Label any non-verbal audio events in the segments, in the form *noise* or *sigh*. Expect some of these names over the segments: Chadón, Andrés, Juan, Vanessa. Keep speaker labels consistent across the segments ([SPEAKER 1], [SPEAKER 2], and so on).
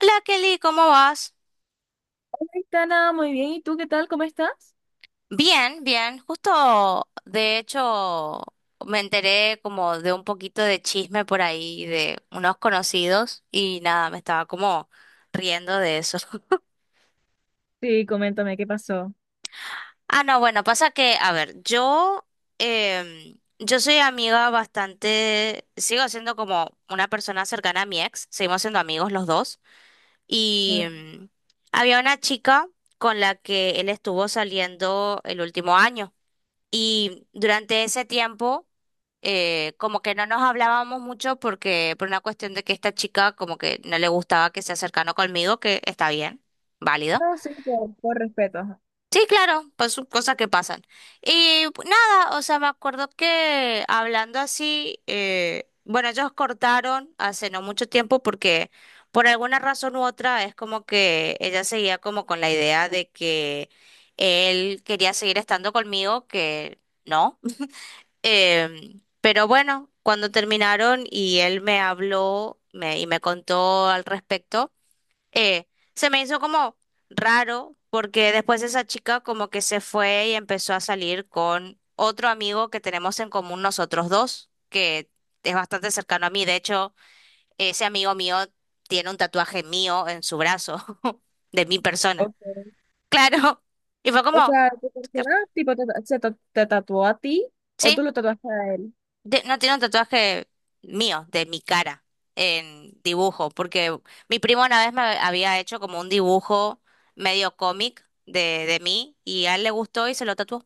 [SPEAKER 1] Hola Kelly, ¿cómo vas?
[SPEAKER 2] Tana, muy bien. ¿Y tú qué tal? ¿Cómo estás?
[SPEAKER 1] Bien, bien. Justo, de hecho, me enteré como de un poquito de chisme por ahí de unos conocidos y nada, me estaba como riendo de eso. *laughs*
[SPEAKER 2] Sí, coméntame, ¿qué pasó?
[SPEAKER 1] Ah, no, bueno, pasa que, a ver, yo, yo soy amiga bastante, sigo siendo como una persona cercana a mi ex, seguimos siendo amigos los dos y
[SPEAKER 2] Mm.
[SPEAKER 1] em, había una chica con la que él estuvo saliendo el último año. Y durante ese tiempo, como que no nos hablábamos mucho porque, por una cuestión de que esta chica como que no le gustaba que se acercara conmigo, que está bien, válido.
[SPEAKER 2] No, sí, por respeto, ajá.
[SPEAKER 1] Sí, claro, pues son cosas que pasan. Y pues, nada, o sea, me acuerdo que hablando así, bueno, ellos cortaron hace no mucho tiempo porque por alguna razón u otra es como que ella seguía como con la idea de que él quería seguir estando conmigo, que no. Pero bueno, cuando terminaron y él me habló y me contó al respecto, eh, se me hizo como raro porque después esa chica como que se fue y empezó a salir con otro amigo que tenemos en común nosotros dos, que es bastante cercano a mí. De hecho, ese amigo mío tiene un tatuaje mío en su brazo, *laughs* de mi persona.
[SPEAKER 2] Ok.
[SPEAKER 1] Claro. Y fue
[SPEAKER 2] O
[SPEAKER 1] como...
[SPEAKER 2] sea, ¿tu persona tipo te, te tatuó a ti o tú
[SPEAKER 1] sí.
[SPEAKER 2] lo tatuaste a él?
[SPEAKER 1] No tiene un tatuaje mío, de mi cara, en dibujo, porque mi primo una vez me había hecho como un dibujo medio cómic de mí y a él le gustó y se lo tatuó.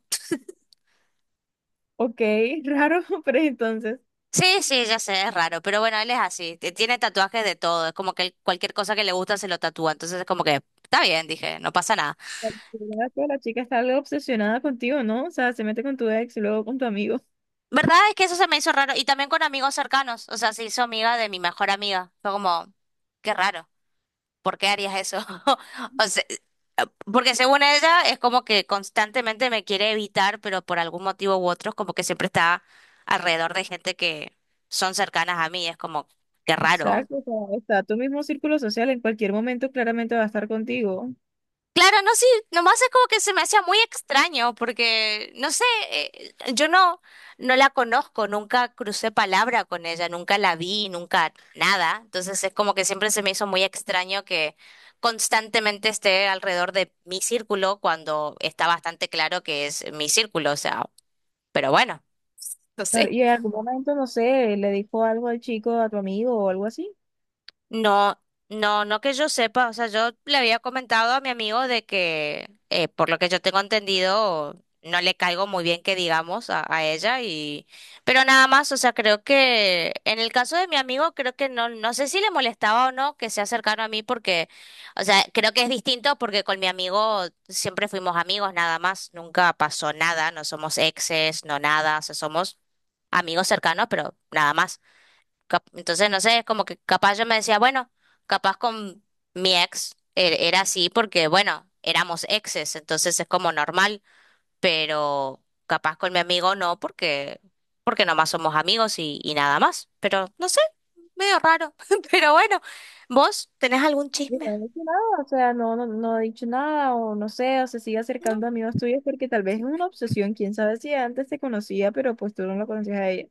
[SPEAKER 2] Ok, *laughs* raro, pero entonces,
[SPEAKER 1] Sí, sí, ya sé, es raro, pero bueno, él es así, tiene tatuajes de todo, es como que él cualquier cosa que le gusta se lo tatúa, entonces es como que está bien, dije, no pasa nada.
[SPEAKER 2] porque yo ya que la chica está algo obsesionada contigo, ¿no? O sea, se mete con tu ex y luego con tu amigo.
[SPEAKER 1] ¿Verdad? Es que eso se me hizo raro y también con amigos cercanos, o sea, se hizo amiga de mi mejor amiga, fue como, qué raro. ¿Por qué harías eso? *laughs* O sea, eh, porque según ella es como que constantemente me quiere evitar, pero por algún motivo u otro es como que siempre está alrededor de gente que son cercanas a mí. Es como, qué raro.
[SPEAKER 2] Exacto, o sea, está tu mismo círculo social, en cualquier momento claramente va a estar contigo.
[SPEAKER 1] Claro, no, sí, nomás es como que se me hacía muy extraño porque, no sé, yo no, no la conozco, nunca crucé palabra con ella, nunca la vi, nunca nada, entonces es como que siempre se me hizo muy extraño que constantemente esté alrededor de mi círculo cuando está bastante claro que es mi círculo, o sea, pero bueno, *laughs* no
[SPEAKER 2] Pero,
[SPEAKER 1] sé.
[SPEAKER 2] y en algún momento, no sé, le dijo algo al chico, a tu amigo o algo así.
[SPEAKER 1] No, no, no que yo sepa, o sea, yo le había comentado a mi amigo de que, por lo que yo tengo entendido, no le caigo muy bien que digamos a ella y, pero nada más, o sea, creo que en el caso de mi amigo, creo que no, no sé si le molestaba o no que sea cercano a mí porque, o sea, creo que es distinto porque con mi amigo siempre fuimos amigos nada más, nunca pasó nada, no somos exes, no nada, o sea, somos amigos cercanos, pero nada más. Entonces, no sé, es como que capaz yo me decía, bueno, capaz con mi ex era así porque, bueno, éramos exes, entonces es como normal, pero capaz con mi amigo no porque nomás somos amigos y nada más. Pero, no sé, medio raro. *laughs* Pero bueno, ¿vos tenés algún
[SPEAKER 2] Yo
[SPEAKER 1] chisme?
[SPEAKER 2] no he dicho nada, o sea, no he dicho nada, o no sé, o se sigue
[SPEAKER 1] No.
[SPEAKER 2] acercando a amigos tuyos porque tal vez es una obsesión, quién sabe si antes te conocía, pero pues tú no la conocías a ella.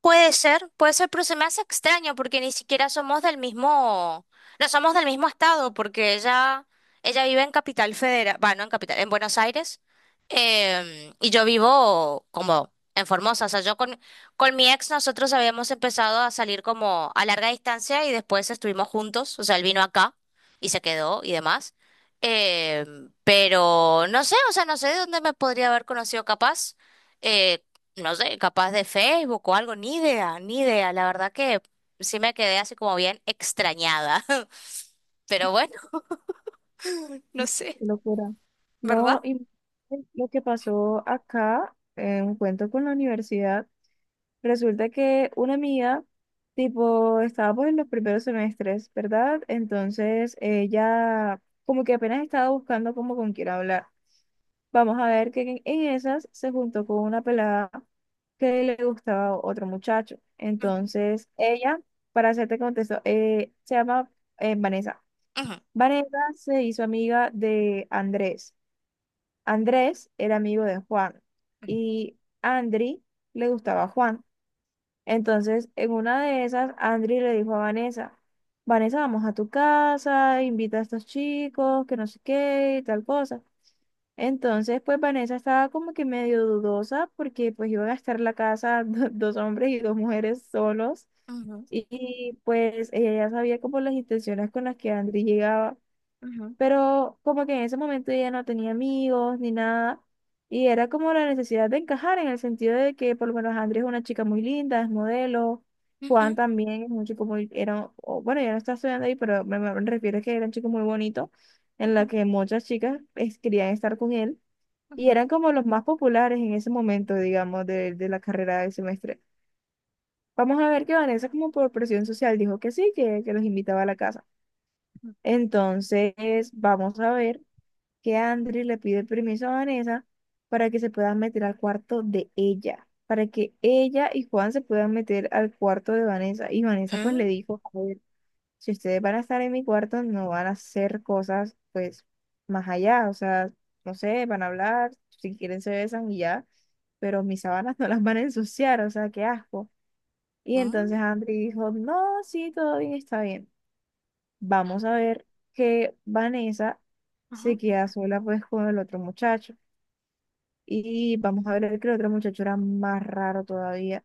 [SPEAKER 1] Puede ser, puede ser, pero se me hace extraño porque ni siquiera somos del mismo, no somos del mismo estado, porque ella vive en Capital Federal, bueno, en Capital, en Buenos Aires, y yo vivo como en Formosa, o sea, con mi ex nosotros habíamos empezado a salir como a larga distancia y después estuvimos juntos, o sea, él vino acá y se quedó y demás, pero no sé, o sea, no sé de dónde me podría haber conocido capaz. eh, no sé, capaz de Facebook o algo, ni idea, ni idea. La verdad que sí me quedé así como bien extrañada. *laughs* Pero bueno, no sé,
[SPEAKER 2] Qué locura.
[SPEAKER 1] ¿verdad?
[SPEAKER 2] No, y lo que pasó acá, en un cuento con la universidad, resulta que una amiga, tipo, estábamos en los primeros semestres, ¿verdad? Entonces ella, como que apenas estaba buscando como con quién hablar. Vamos a ver que en esas se juntó con una pelada que le gustaba a otro muchacho.
[SPEAKER 1] Ujú,
[SPEAKER 2] Entonces, ella, para hacerte contexto, se llama Vanessa.
[SPEAKER 1] ujú,
[SPEAKER 2] Vanessa se hizo amiga de Andrés. Andrés era amigo de Juan y Andri le gustaba a Juan. Entonces, en una de esas, Andri le dijo a Vanessa: Vanessa, vamos a tu casa, invita a estos chicos, que no sé qué, y tal cosa. Entonces, pues Vanessa estaba como que medio dudosa porque pues iba a gastar la casa *laughs* dos hombres y dos mujeres solos
[SPEAKER 1] ujú,
[SPEAKER 2] y, pues ella ya sabía como las intenciones con las que Andri llegaba,
[SPEAKER 1] ujú,
[SPEAKER 2] pero como que en ese momento ella no tenía amigos ni nada, y era como la necesidad de encajar en el sentido de que por lo menos Andri es una chica muy linda, es modelo.
[SPEAKER 1] ujú,
[SPEAKER 2] Juan también es un chico muy, era, o, bueno, ya no está estudiando ahí, pero me refiero a que era un chico muy bonito en la
[SPEAKER 1] ujú,
[SPEAKER 2] que muchas chicas pues querían estar con él, y
[SPEAKER 1] ujú,
[SPEAKER 2] eran como los más populares en ese momento, digamos, de la carrera del semestre. Vamos a ver que Vanessa, como por presión social, dijo que sí, que los invitaba a la casa. Entonces, vamos a ver que Andri le pide permiso a Vanessa para que se puedan meter al cuarto de ella, para que ella y Juan se puedan meter al cuarto de Vanessa. Y Vanessa pues le
[SPEAKER 1] mm,
[SPEAKER 2] dijo: si ustedes van a estar en mi cuarto, no van a hacer cosas, pues, más allá, o sea, no sé, van a hablar, si quieren se besan y ya, pero mis sábanas *laughs* no las van a ensuciar, o sea, qué asco. Y
[SPEAKER 1] mm,
[SPEAKER 2] entonces Andri dijo: no, sí, todo bien, está bien. Vamos a ver que Vanessa se
[SPEAKER 1] ujú,
[SPEAKER 2] queda sola, pues, con el otro muchacho. Y vamos a ver que el otro muchacho era más raro todavía,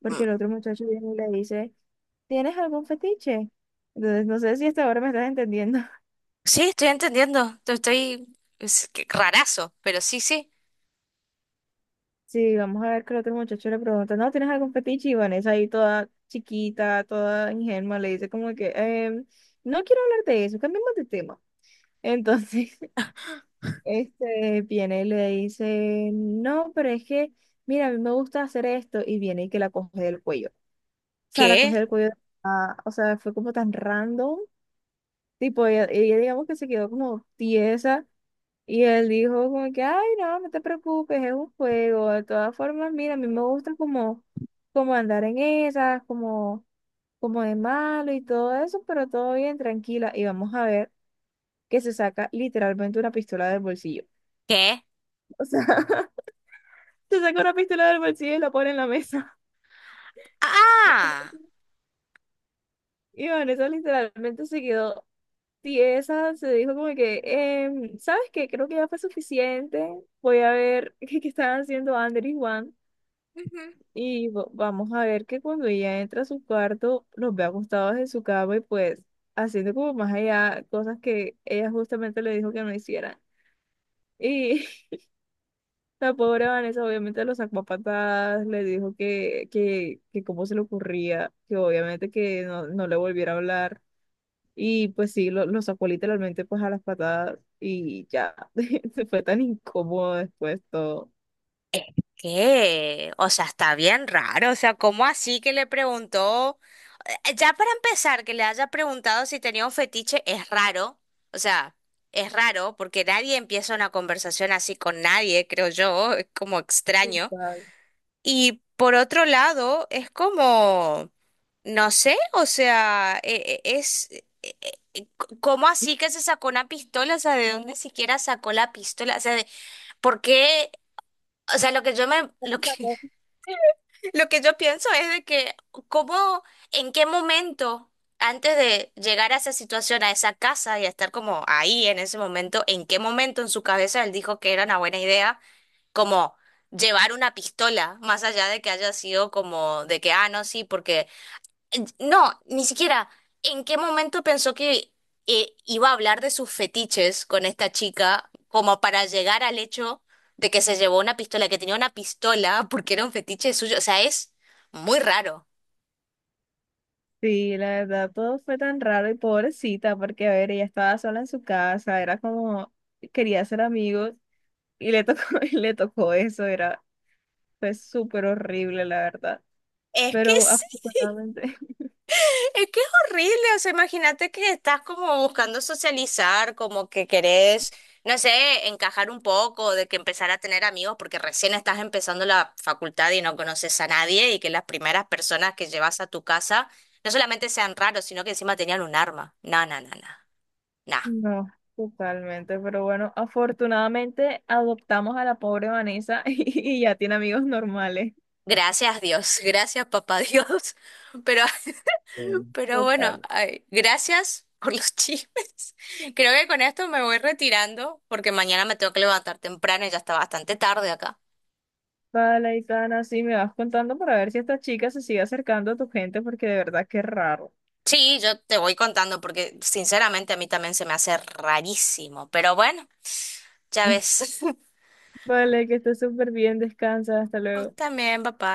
[SPEAKER 2] porque el otro
[SPEAKER 1] mm.
[SPEAKER 2] muchacho viene y le dice: ¿tienes algún fetiche? Entonces, no sé si hasta ahora me estás entendiendo.
[SPEAKER 1] Sí, estoy entendiendo. Te Estoy, es que rarazo, pero sí, sí.
[SPEAKER 2] Sí, vamos a ver que el otro muchacho le pregunta: ¿no tienes algún fetiche? Y Vanessa ahí toda chiquita, toda ingenua, le dice como que: no quiero hablar de eso, cambiemos de tema". Entonces, *laughs* este viene y le dice: no, pero es que, mira, a mí me gusta hacer esto, y viene y que la coge del cuello. O sea, la coge
[SPEAKER 1] ¿Qué?
[SPEAKER 2] del cuello, ah, o sea, fue como tan random, tipo, ella digamos que se quedó como tiesa, y él dijo como que: ay, no, no te preocupes, es un juego. De todas formas, mira, a mí me gusta como, como andar en esas, como, como de malo y todo eso, pero todo bien, tranquila. Y vamos a ver que se saca literalmente una pistola del bolsillo.
[SPEAKER 1] ¿Qué?
[SPEAKER 2] O sea, *laughs* se saca una pistola del bolsillo y la pone en la mesa. *laughs*
[SPEAKER 1] Ah.
[SPEAKER 2] Y Vanessa literalmente se quedó tiesa, se dijo como que: em, ¿sabes qué? Creo que ya fue suficiente. Voy a ver *laughs* qué, qué están haciendo Ander y Juan. Y vamos a ver que cuando ella entra a su cuarto, los ve acostados en su cama y pues haciendo como más allá cosas que ella justamente le dijo que no hicieran. Y *laughs* la pobre Vanessa obviamente lo sacó a patadas, le dijo que, que cómo se le ocurría, que obviamente que no, no le volviera a hablar. Y pues sí, lo sacó literalmente pues a las patadas y ya, *laughs* se fue tan incómodo después todo.
[SPEAKER 1] ¿Qué? O sea, está bien raro. O sea, ¿cómo así que le preguntó? Ya para empezar, que le haya preguntado si tenía un fetiche es raro. O sea, es raro porque nadie empieza una conversación así con nadie, creo yo. Es como extraño.
[SPEAKER 2] Total.
[SPEAKER 1] Y por otro lado, es como, no sé, o sea, es... ¿Cómo así que se sacó una pistola? O sea, ¿de dónde siquiera sacó la pistola? O sea, ¿por qué? O sea, lo que, *laughs* lo que yo pienso es de que, ¿cómo, en qué momento, antes de llegar a esa situación, a esa casa y a estar como ahí en ese momento, en qué momento en su cabeza él dijo que era una buena idea, como llevar una pistola, más allá de que haya sido como de que, ah, no, sí, porque no, ni siquiera. ¿En qué momento pensó que iba a hablar de sus fetiches con esta chica como para llegar al hecho de que se llevó una pistola, que tenía una pistola porque era un fetiche suyo? O sea, es muy raro.
[SPEAKER 2] Sí, la verdad, todo fue tan raro y pobrecita, porque a ver, ella estaba sola en su casa, era como, quería ser amigos y le tocó, *laughs* y le tocó eso, era, fue súper horrible, la verdad.
[SPEAKER 1] Es que
[SPEAKER 2] Pero
[SPEAKER 1] sí,
[SPEAKER 2] afortunadamente,
[SPEAKER 1] es que es horrible, o sea, imagínate que estás como buscando socializar, como que querés, no sé, encajar un poco, de que empezar a tener amigos, porque recién estás empezando la facultad y no conoces a nadie, y que las primeras personas que llevas a tu casa no solamente sean raros, sino que encima tenían un arma. No, no, no, no, no.
[SPEAKER 2] *laughs* no, totalmente, pero bueno, afortunadamente adoptamos a la pobre Vanessa *laughs* y ya tiene amigos normales.
[SPEAKER 1] Gracias Dios, *laughs* gracias papá Dios, *laughs* pero *laughs*
[SPEAKER 2] Mm.
[SPEAKER 1] pero bueno,
[SPEAKER 2] Total.
[SPEAKER 1] ay, gracias por los chismes. *laughs* Creo que con esto me voy retirando porque mañana me tengo que levantar temprano y ya está bastante tarde acá.
[SPEAKER 2] Vale, Itana, sí, me vas contando para ver si esta chica se sigue acercando a tu gente, porque de verdad que es raro.
[SPEAKER 1] Sí, yo te voy contando porque sinceramente a mí también se me hace rarísimo. Pero bueno, ya
[SPEAKER 2] *laughs*
[SPEAKER 1] ves. *laughs*
[SPEAKER 2] Vale, que estés súper bien, descansa, hasta
[SPEAKER 1] Vos
[SPEAKER 2] luego.
[SPEAKER 1] también, papá.